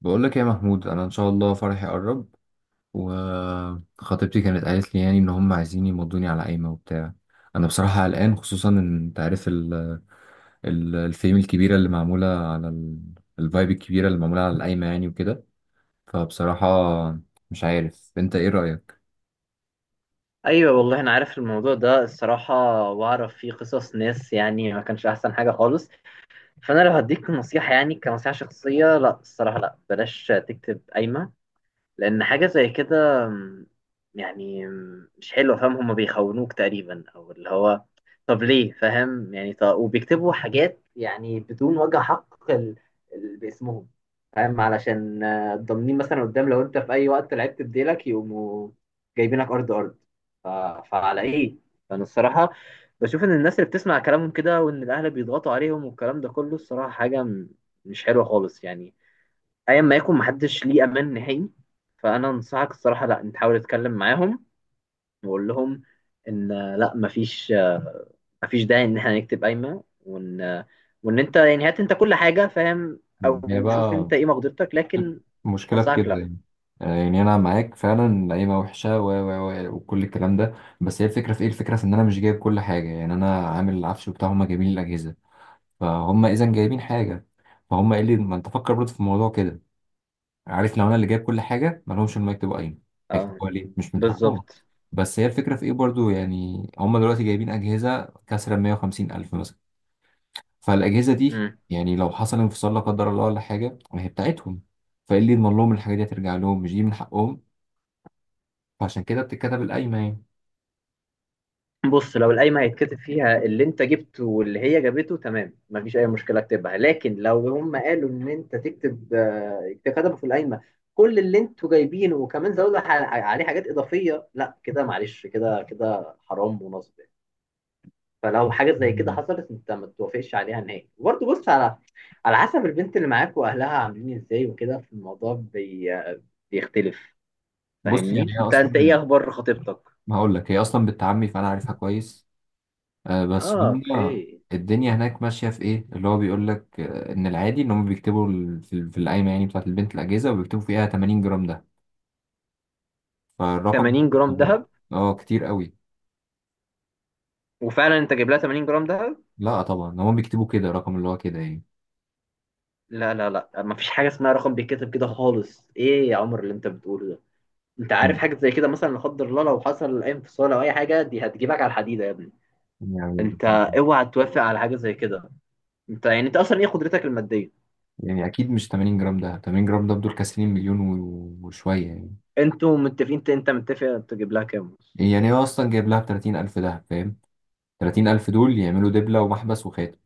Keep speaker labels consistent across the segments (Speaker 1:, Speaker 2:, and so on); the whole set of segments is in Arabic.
Speaker 1: بقول لك يا محمود، انا ان شاء الله فرحي قرب، وخطيبتي كانت قالت لي يعني ان هم عايزين يمضوني على قايمه وبتاع. انا بصراحه قلقان، خصوصا ان انت عارف الفيم الكبيره اللي معموله على الفايب الكبيره اللي معموله على القايمه يعني وكده. فبصراحه مش عارف انت ايه رايك؟
Speaker 2: ايوه والله انا عارف الموضوع ده الصراحه، واعرف فيه قصص ناس يعني ما كانش احسن حاجه خالص. فانا لو هديك نصيحه، يعني كنصيحه شخصيه، لا الصراحه لا، بلاش تكتب قايمه. لأن حاجة زي كده م، يعني م، مش حلوة، فاهم؟ هما بيخونوك تقريبا، أو اللي هو طب ليه؟ فاهم يعني؟ طب وبيكتبوا حاجات يعني بدون وجه حق باسمهم. فاهم؟ علشان ضامنين مثلا قدام لو أنت في أي وقت لعبت بديلك يقوموا جايبينك أرض أرض. ف... فعلى إيه؟ فأنا الصراحة بشوف إن الناس اللي بتسمع كلامهم كده، وإن الأهل بيضغطوا عليهم والكلام ده كله، الصراحة حاجة مش حلوة خالص يعني. ايا ما يكون، محدش ليه امان نهائي. فانا انصحك الصراحه لا، انت حاول تتكلم معاهم وقول لهم ان آه، لا مفيش مفيش داعي ان احنا نكتب قايمه، وان وان انت يعني هات انت كل حاجه، فاهم؟
Speaker 1: هي
Speaker 2: او شوف
Speaker 1: بقى
Speaker 2: انت ايه مقدرتك، لكن
Speaker 1: المشكلة في
Speaker 2: انصحك
Speaker 1: كده
Speaker 2: لا.
Speaker 1: يعني. يعني أنا معاك فعلا، القايمة وحشة و و و وكل الكلام ده. بس هي الفكرة في إيه؟ الفكرة في إن أنا مش جايب كل حاجة، يعني أنا عامل العفش بتاع، هما جايبين الأجهزة. فهم اذا جايبين حاجه، فهم قال لي ما انت فكر برضه في الموضوع كده. عارف، لو انا اللي جايب كل حاجه ما لهمش انهم يكتبوا قايمه.
Speaker 2: اه،
Speaker 1: هيكتبوها ليه؟ مش من حقهم.
Speaker 2: بالظبط.
Speaker 1: بس هي الفكره في ايه برضه؟ يعني هم دلوقتي جايبين اجهزه كسر 150 الف مثلا. فالاجهزه دي يعني لو حصل انفصال لا قدر الله ولا حاجه، ما هي بتاعتهم. فايه اللي يضمن لهم الحاجه دي هترجع لهم؟ مش دي من حقهم؟ فعشان كده بتتكتب القايمه يعني.
Speaker 2: بص، لو القايمة هيتكتب فيها اللي انت جبته واللي هي جابته تمام، مفيش أي مشكلة، اكتبها. لكن لو هم قالوا إن انت تكتب كتبوا في القايمة كل اللي انتوا جايبينه، وكمان زودوا عليه حاجات إضافية، لا كده معلش، كده كده حرام ونصب يعني. فلو حاجة زي كده حصلت، انت ما توافقش عليها نهائي. وبرضه بص على على حسب البنت اللي معاك وأهلها عاملين ازاي وكده، في الموضوع بيختلف.
Speaker 1: بص
Speaker 2: فاهمني؟
Speaker 1: يعني هي
Speaker 2: انت
Speaker 1: اصلا،
Speaker 2: ايه أخبار خطيبتك؟
Speaker 1: ما هقول لك، هي اصلا بالتعمي فانا عارفها كويس. بس
Speaker 2: اه،
Speaker 1: هم
Speaker 2: اوكي.
Speaker 1: الدنيا هناك ماشية في إيه. اللي هو بيقول لك إن العادي إن هم بيكتبوا في القايمة يعني بتاعة البنت الأجهزة، وبيكتبوا فيها 80 جرام ده. فالرقم ده
Speaker 2: 80 جرام
Speaker 1: كتير برضه.
Speaker 2: دهب؟
Speaker 1: أه كتير قوي.
Speaker 2: وفعلا انت جايب لها 80 جرام دهب؟
Speaker 1: لا طبعا، هم بيكتبوا كده رقم اللي هو كده يعني.
Speaker 2: لا، مفيش حاجه اسمها رقم بيتكتب كده خالص. ايه يا عمر اللي انت بتقوله ده؟ انت عارف
Speaker 1: مم.
Speaker 2: حاجه زي كده مثلا، لا قدر الله لو حصل اي انفصال او اي حاجه، دي هتجيبك على الحديده يا ابني.
Speaker 1: يعني
Speaker 2: انت اوعى توافق على حاجه زي كده. انت يعني انت اصلا ايه قدرتك الماديه؟
Speaker 1: يعني أكيد مش 80 جرام، ده 80 جرام ده بدول كاسرين مليون و- وشوية يعني.
Speaker 2: انتوا متفقين؟ انت متفق تجيب لها كام؟
Speaker 1: يعني هو أصلا جايب لها ب 30 ألف ده فاهم. 30 ألف دول يعملوا دبلة ومحبس وخاتم،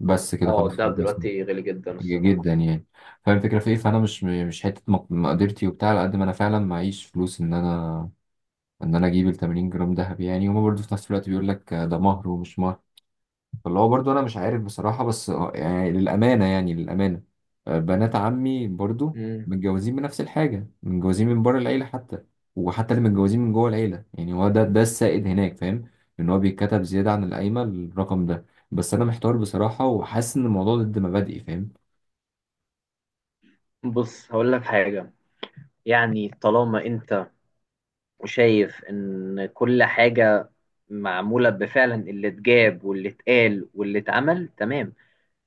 Speaker 1: بس كده
Speaker 2: اه
Speaker 1: خلاص.
Speaker 2: الدهب دلوقتي غالي جدا الصراحه.
Speaker 1: جدا يعني. فاهم الفكره في ايه. فانا مش حته مقدرتي وبتاع، على قد ما انا فعلا معيش فلوس ان انا انا اجيب ال 80 جرام ذهب. يعني هما برضو في نفس الوقت بيقول لك ده مهر ومش مهر. فاللي هو برضو انا مش عارف بصراحه. بس يعني للامانه، يعني للامانه، بنات عمي برضو
Speaker 2: مم.
Speaker 1: متجوزين بنفس الحاجه، متجوزين من بره العيله حتى، وحتى اللي متجوزين من جوه العيله. يعني هو ده السائد هناك فاهم. ان هو بيتكتب زياده عن القايمه الرقم ده. بس انا محتار بصراحه، وحاسس ان الموضوع ضد مبادئي فاهم.
Speaker 2: بص هقول لك حاجه، يعني طالما انت شايف ان كل حاجة معمولة بفعلا، اللي اتجاب واللي اتقال واللي اتعمل تمام.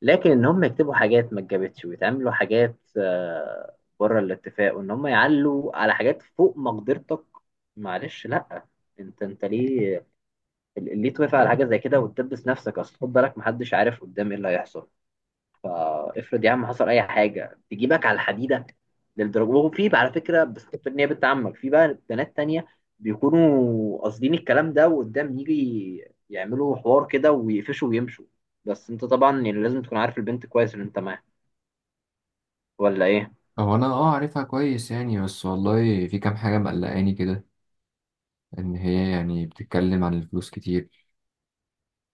Speaker 2: لكن ان هم يكتبوا حاجات ما اتجابتش، ويتعملوا حاجات بره الاتفاق، وان هم يعلوا على حاجات فوق مقدرتك، معلش لا. انت ليه، ليه توافق على حاجة زي كده وتدبس نفسك؟ اصل خد بالك، محدش عارف قدام ايه اللي هيحصل. افرض يا عم حصل اي حاجه تجيبك على الحديده، للدرجه. وفي بقى على فكره، بس ان هي بنت عمك، في بقى بنات تانية بيكونوا قاصدين الكلام ده وقدام يجي يعملوا حوار كده ويقفشوا ويمشوا. بس انت طبعا يعني لازم تكون عارف البنت كويس اللي انت معاها، ولا ايه؟
Speaker 1: هو انا اه عارفها كويس يعني، بس والله في كام حاجه مقلقاني كده. ان هي يعني بتتكلم عن الفلوس كتير،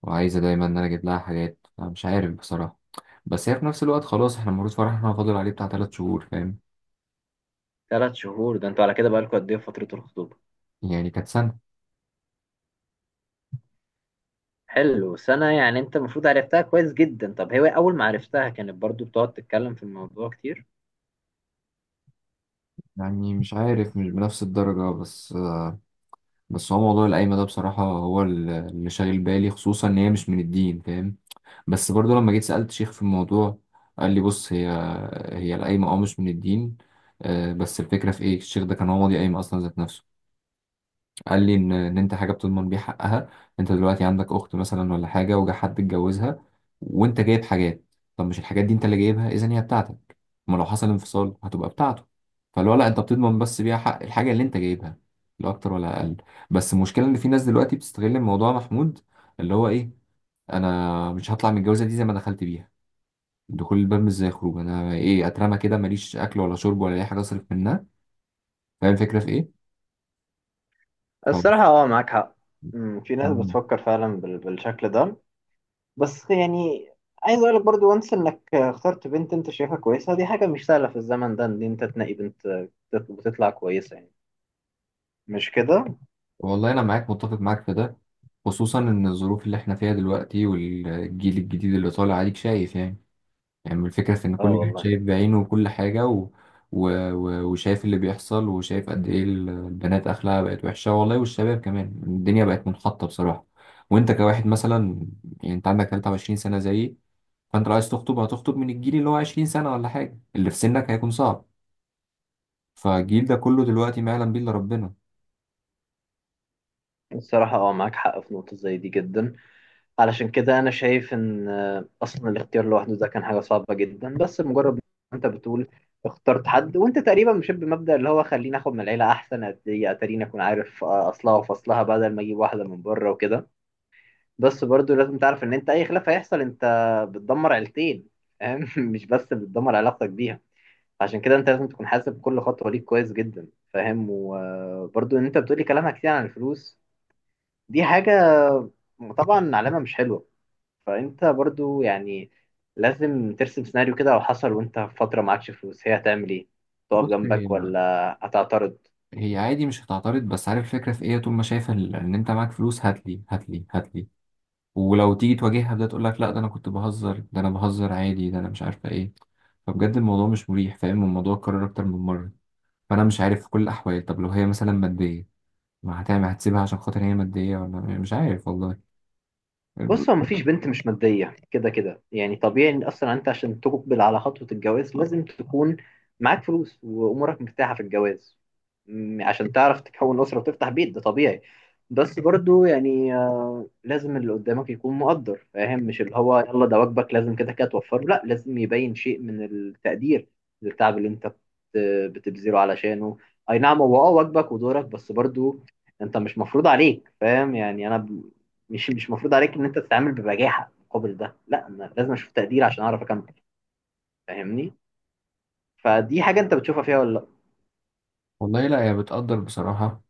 Speaker 1: وعايزه دايما ان انا اجيب لها حاجات. انا مش عارف بصراحه. بس هي في نفس الوقت خلاص، احنا المفروض فرحنا فاضل عليه بتاع تلات شهور فاهم.
Speaker 2: ثلاث شهور؟ ده انتوا على كده بقالكوا قد ايه في فتره الخطوبه؟
Speaker 1: يعني كانت سنه.
Speaker 2: حلو، سنه يعني انت المفروض عرفتها كويس جدا. طب هي اول ما عرفتها كانت برضو بتقعد تتكلم في الموضوع كتير؟
Speaker 1: يعني مش عارف، مش بنفس الدرجه. بس هو موضوع القايمه ده بصراحه هو اللي شاغل بالي، خصوصا ان هي مش من الدين فاهم. بس برضو لما جيت سألت شيخ في الموضوع، قال لي بص، هي القايمة اه مش من الدين. بس الفكرة في ايه؟ الشيخ ده كان هو ماضي قايمة اصلا ذات نفسه. قال لي ان انت حاجة بتضمن بيه حقها. انت دلوقتي عندك اخت مثلا ولا حاجة، وجا حد اتجوزها، وانت جايب حاجات. طب مش الحاجات دي انت اللي جايبها؟ اذا هي بتاعتك. ما لو حصل انفصال هتبقى بتاعته. فاللي هو لا، انت بتضمن بس بيها حق الحاجة اللي انت جايبها، لا اكتر ولا اقل. بس المشكلة ان في ناس دلوقتي بتستغل الموضوع محمود. اللي هو ايه؟ انا مش هطلع من الجوازة دي زي ما دخلت بيها. دخول الباب مش زي الخروج. انا ايه اترمى كده، ماليش اكل ولا شرب ولا اي حاجه اصرف منها؟ فاهم الفكره في ايه. خلاص.
Speaker 2: الصراحة اه، معاك حق. مم، في ناس
Speaker 1: مم.
Speaker 2: بتفكر فعلا بالشكل ده. بس يعني عايز اقول لك برضو، وانس انك اخترت بنت انت شايفها كويسه، دي حاجه مش سهله في الزمن ده ان انت تنقي بنت بتطلع كويسه يعني، مش كده؟
Speaker 1: والله انا معاك، متفق معاك في ده. خصوصا ان الظروف اللي احنا فيها دلوقتي، والجيل الجديد اللي طالع عليك شايف يعني الفكره في ان
Speaker 2: اه
Speaker 1: كل واحد
Speaker 2: والله.
Speaker 1: شايف بعينه وكل حاجه، و... و... و... وشايف اللي بيحصل، وشايف قد ايه البنات اخلاقها بقت وحشه والله، والشباب كمان الدنيا بقت منحطه بصراحه. وانت كواحد مثلا، يعني انت عندك 23 سنه زيي. فانت لو عايز تخطب، هتخطب من الجيل اللي هو 20 سنة ولا حاجة، اللي في سنك هيكون صعب. فالجيل ده كله دلوقتي ما يعلم بيه الا ربنا.
Speaker 2: الصراحه اه معاك حق في نقطه زي دي جدا. علشان كده انا شايف ان اصلا الاختيار لوحده ده كان حاجه صعبه جدا. بس مجرد ما انت بتقول اخترت حد، وانت تقريبا مشيت بمبدأ اللي هو خليني اخد من العيله احسن، اتاريني اكون عارف اصلها وفصلها بدل ما اجيب واحده من بره وكده. بس برضو لازم تعرف ان انت اي خلاف هيحصل، انت بتدمر عيلتين، فاهم؟ مش بس بتدمر علاقتك بيها. عشان كده انت لازم تكون حاسب كل خطوة ليك كويس جدا، فاهم؟ وبرضو ان انت بتقولي كلامها كتير عن الفلوس، دي حاجة طبعا علامة مش حلوة. فانت برضو يعني لازم ترسم سيناريو كده، لو حصل وانت في فترة معكش فلوس، هي هتعمل ايه؟ تقف
Speaker 1: بص، هي
Speaker 2: جنبك ولا هتعترض؟
Speaker 1: هي عادي مش هتعترض. بس عارف الفكرة في ايه؟ طول ما شايفة ان انت معاك فلوس، هاتلي هاتلي هاتلي. ولو تيجي تواجهها ده، تقول لك لا، ده انا كنت بهزر، ده انا بهزر عادي، ده انا مش عارفة ايه. فبجد الموضوع مش مريح فاهم. الموضوع اتكرر اكتر من مرة. فانا مش عارف، في كل الاحوال. طب لو هي مثلا مادية، ما هتعمل؟ هتسيبها عشان خاطر هي مادية؟ ولا مش عارف والله.
Speaker 2: بص، هو مفيش بنت مش مادية كده كده، يعني طبيعي. ان اصلا انت عشان تقبل على خطوة الجواز لازم تكون معاك فلوس وامورك مرتاحة في الجواز، عشان تعرف تكون أسرة وتفتح بيت، ده طبيعي. بس برضو يعني لازم اللي قدامك يكون مقدر، فاهم؟ مش اللي هو يلا ده واجبك لازم كده كده توفره، لا لازم يبين شيء من التقدير للتعب اللي انت بتبذله علشانه. اي نعم هو اه واجبك ودورك، بس برضو انت مش مفروض عليك، فاهم يعني؟ انا مش مفروض عليك ان انت تتعامل ببجاحه مقابل ده، لا انا لازم اشوف تقدير عشان اعرف اكمل. فاهمني؟ فدي حاجه انت بتشوفها فيها ولا لا؟
Speaker 1: والله لا، هي بتقدر بصراحة.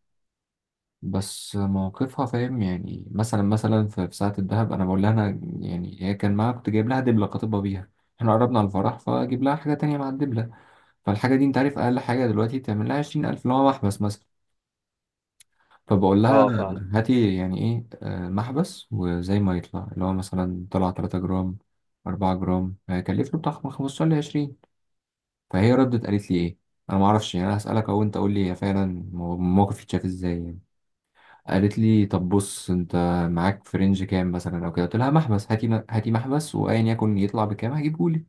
Speaker 1: بس موقفها فاهم يعني. مثلا في ساعة الدهب، أنا بقول لها أنا، يعني هي كان معاها، كنت جايب لها دبلة خاطبة بيها. إحنا قربنا على الفرح، فأجيب لها حاجة تانية مع الدبلة. فالحاجة دي أنت عارف أقل حاجة دلوقتي، تعمل لها عشرين ألف اللي هو محبس مثلا. فبقول لها
Speaker 2: اه فعلا.
Speaker 1: هاتي يعني إيه، محبس. وزي ما يطلع اللي هو مثلا طلع تلاتة جرام أربعة جرام، هيكلف له بتاع خمستاشر لعشرين. فهي ردت قالت لي إيه؟ أنا معرفش يعني. أنا هسألك أهو، أنت قول لي هي فعلا الموقف يتشاف إزاي يعني. قالت لي طب بص، انت معاك في رينج كام مثلا او كده. قلت لها محبس، هاتي هاتي محبس، وايا يكن يطلع بكام هجيبهولي.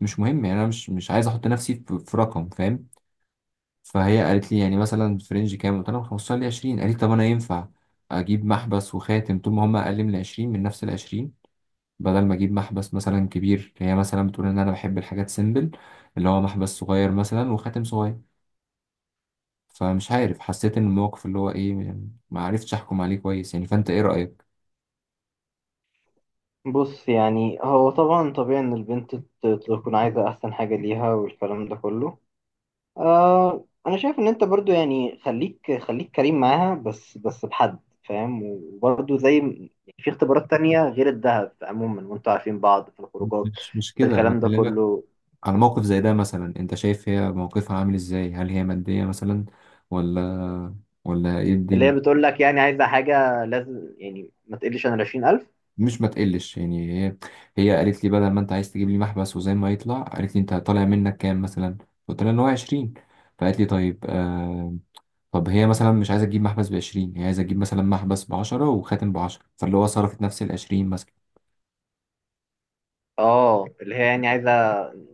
Speaker 1: مش مهم يعني، انا مش عايز احط نفسي في رقم فاهم. فهي قالت لي يعني مثلا في رينج كام؟ قلت لها من 15 ل 20. قالت لي طب انا ينفع اجيب محبس وخاتم طول ما هم اقل من 20، من نفس ال 20، بدل ما اجيب محبس مثلا كبير. هي مثلا بتقول ان انا بحب الحاجات سيمبل، اللي هو محبس صغير مثلا وخاتم صغير. فمش عارف، حسيت ان الموقف اللي هو ايه يعني، ما عرفتش احكم عليه كويس يعني. فانت ايه رأيك؟
Speaker 2: بص يعني هو طبعا طبيعي ان البنت تكون عايزه احسن حاجه ليها والكلام ده كله. آه انا شايف ان انت برضو يعني خليك كريم معاها، بس بحد، فاهم؟ وبرضو زي في اختبارات تانية غير الذهب عموما، وانتوا عارفين بعض في الخروجات،
Speaker 1: مش
Speaker 2: في
Speaker 1: كده انا
Speaker 2: الكلام ده
Speaker 1: بكلمك.
Speaker 2: كله.
Speaker 1: على موقف زي ده مثلا، انت شايف هي موقفها عامل ازاي؟ هل هي مادية مثلا ولا؟ ايه
Speaker 2: اللي هي
Speaker 1: الدنيا؟
Speaker 2: بتقول لك يعني عايزه حاجه لازم يعني ما تقلش عن 20,000؟
Speaker 1: مش ما تقلش يعني، هي قالت لي بدل ما انت عايز تجيب لي محبس وزي ما يطلع، قالت لي انت طالع منك كام مثلا؟ قلت لها ان هو 20. فقالت لي طيب طب هي مثلا مش عايزه تجيب محبس ب 20، هي عايزه تجيب مثلا محبس ب 10 وخاتم ب 10، فاللي هو صرفت نفس ال 20 مثلا.
Speaker 2: اه اللي هي يعني عايزه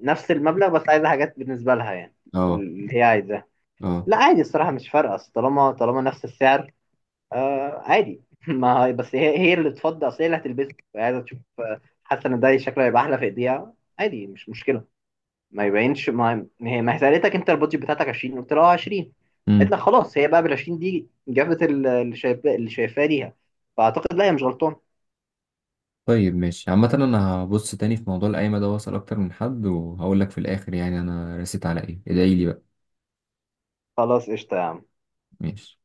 Speaker 2: نفس المبلغ بس عايزه حاجات بالنسبه لها يعني،
Speaker 1: اه.
Speaker 2: اللي هي عايزاه.
Speaker 1: اه.
Speaker 2: لا عادي الصراحه، مش فارقه، أصل طالما نفس السعر. آه عادي. ما هي- بس هي، هي اللي تفضل، اصل هي اللي هتلبسه، فهي عايزه تشوف، حاسه ان ده شكله هيبقى احلى في ايديها. عادي مش مشكله. ما يبينش، ما هي سالتك انت البادجت بتاعتك 20؟ قلت لها 20، قالت لك خلاص. هي بقى بال 20 دي جابت اللي شايفاه، اللي شايفاه ليها. فاعتقد لا هي مش غلطان.
Speaker 1: طيب ماشي. عامة أنا هبص تاني في موضوع القايمة ده، وأسأل أكتر من حد، وهقول لك في الآخر يعني أنا رسيت على إيه. ادعيلي بقى.
Speaker 2: خلاص قشطه يا عم.
Speaker 1: ماشي.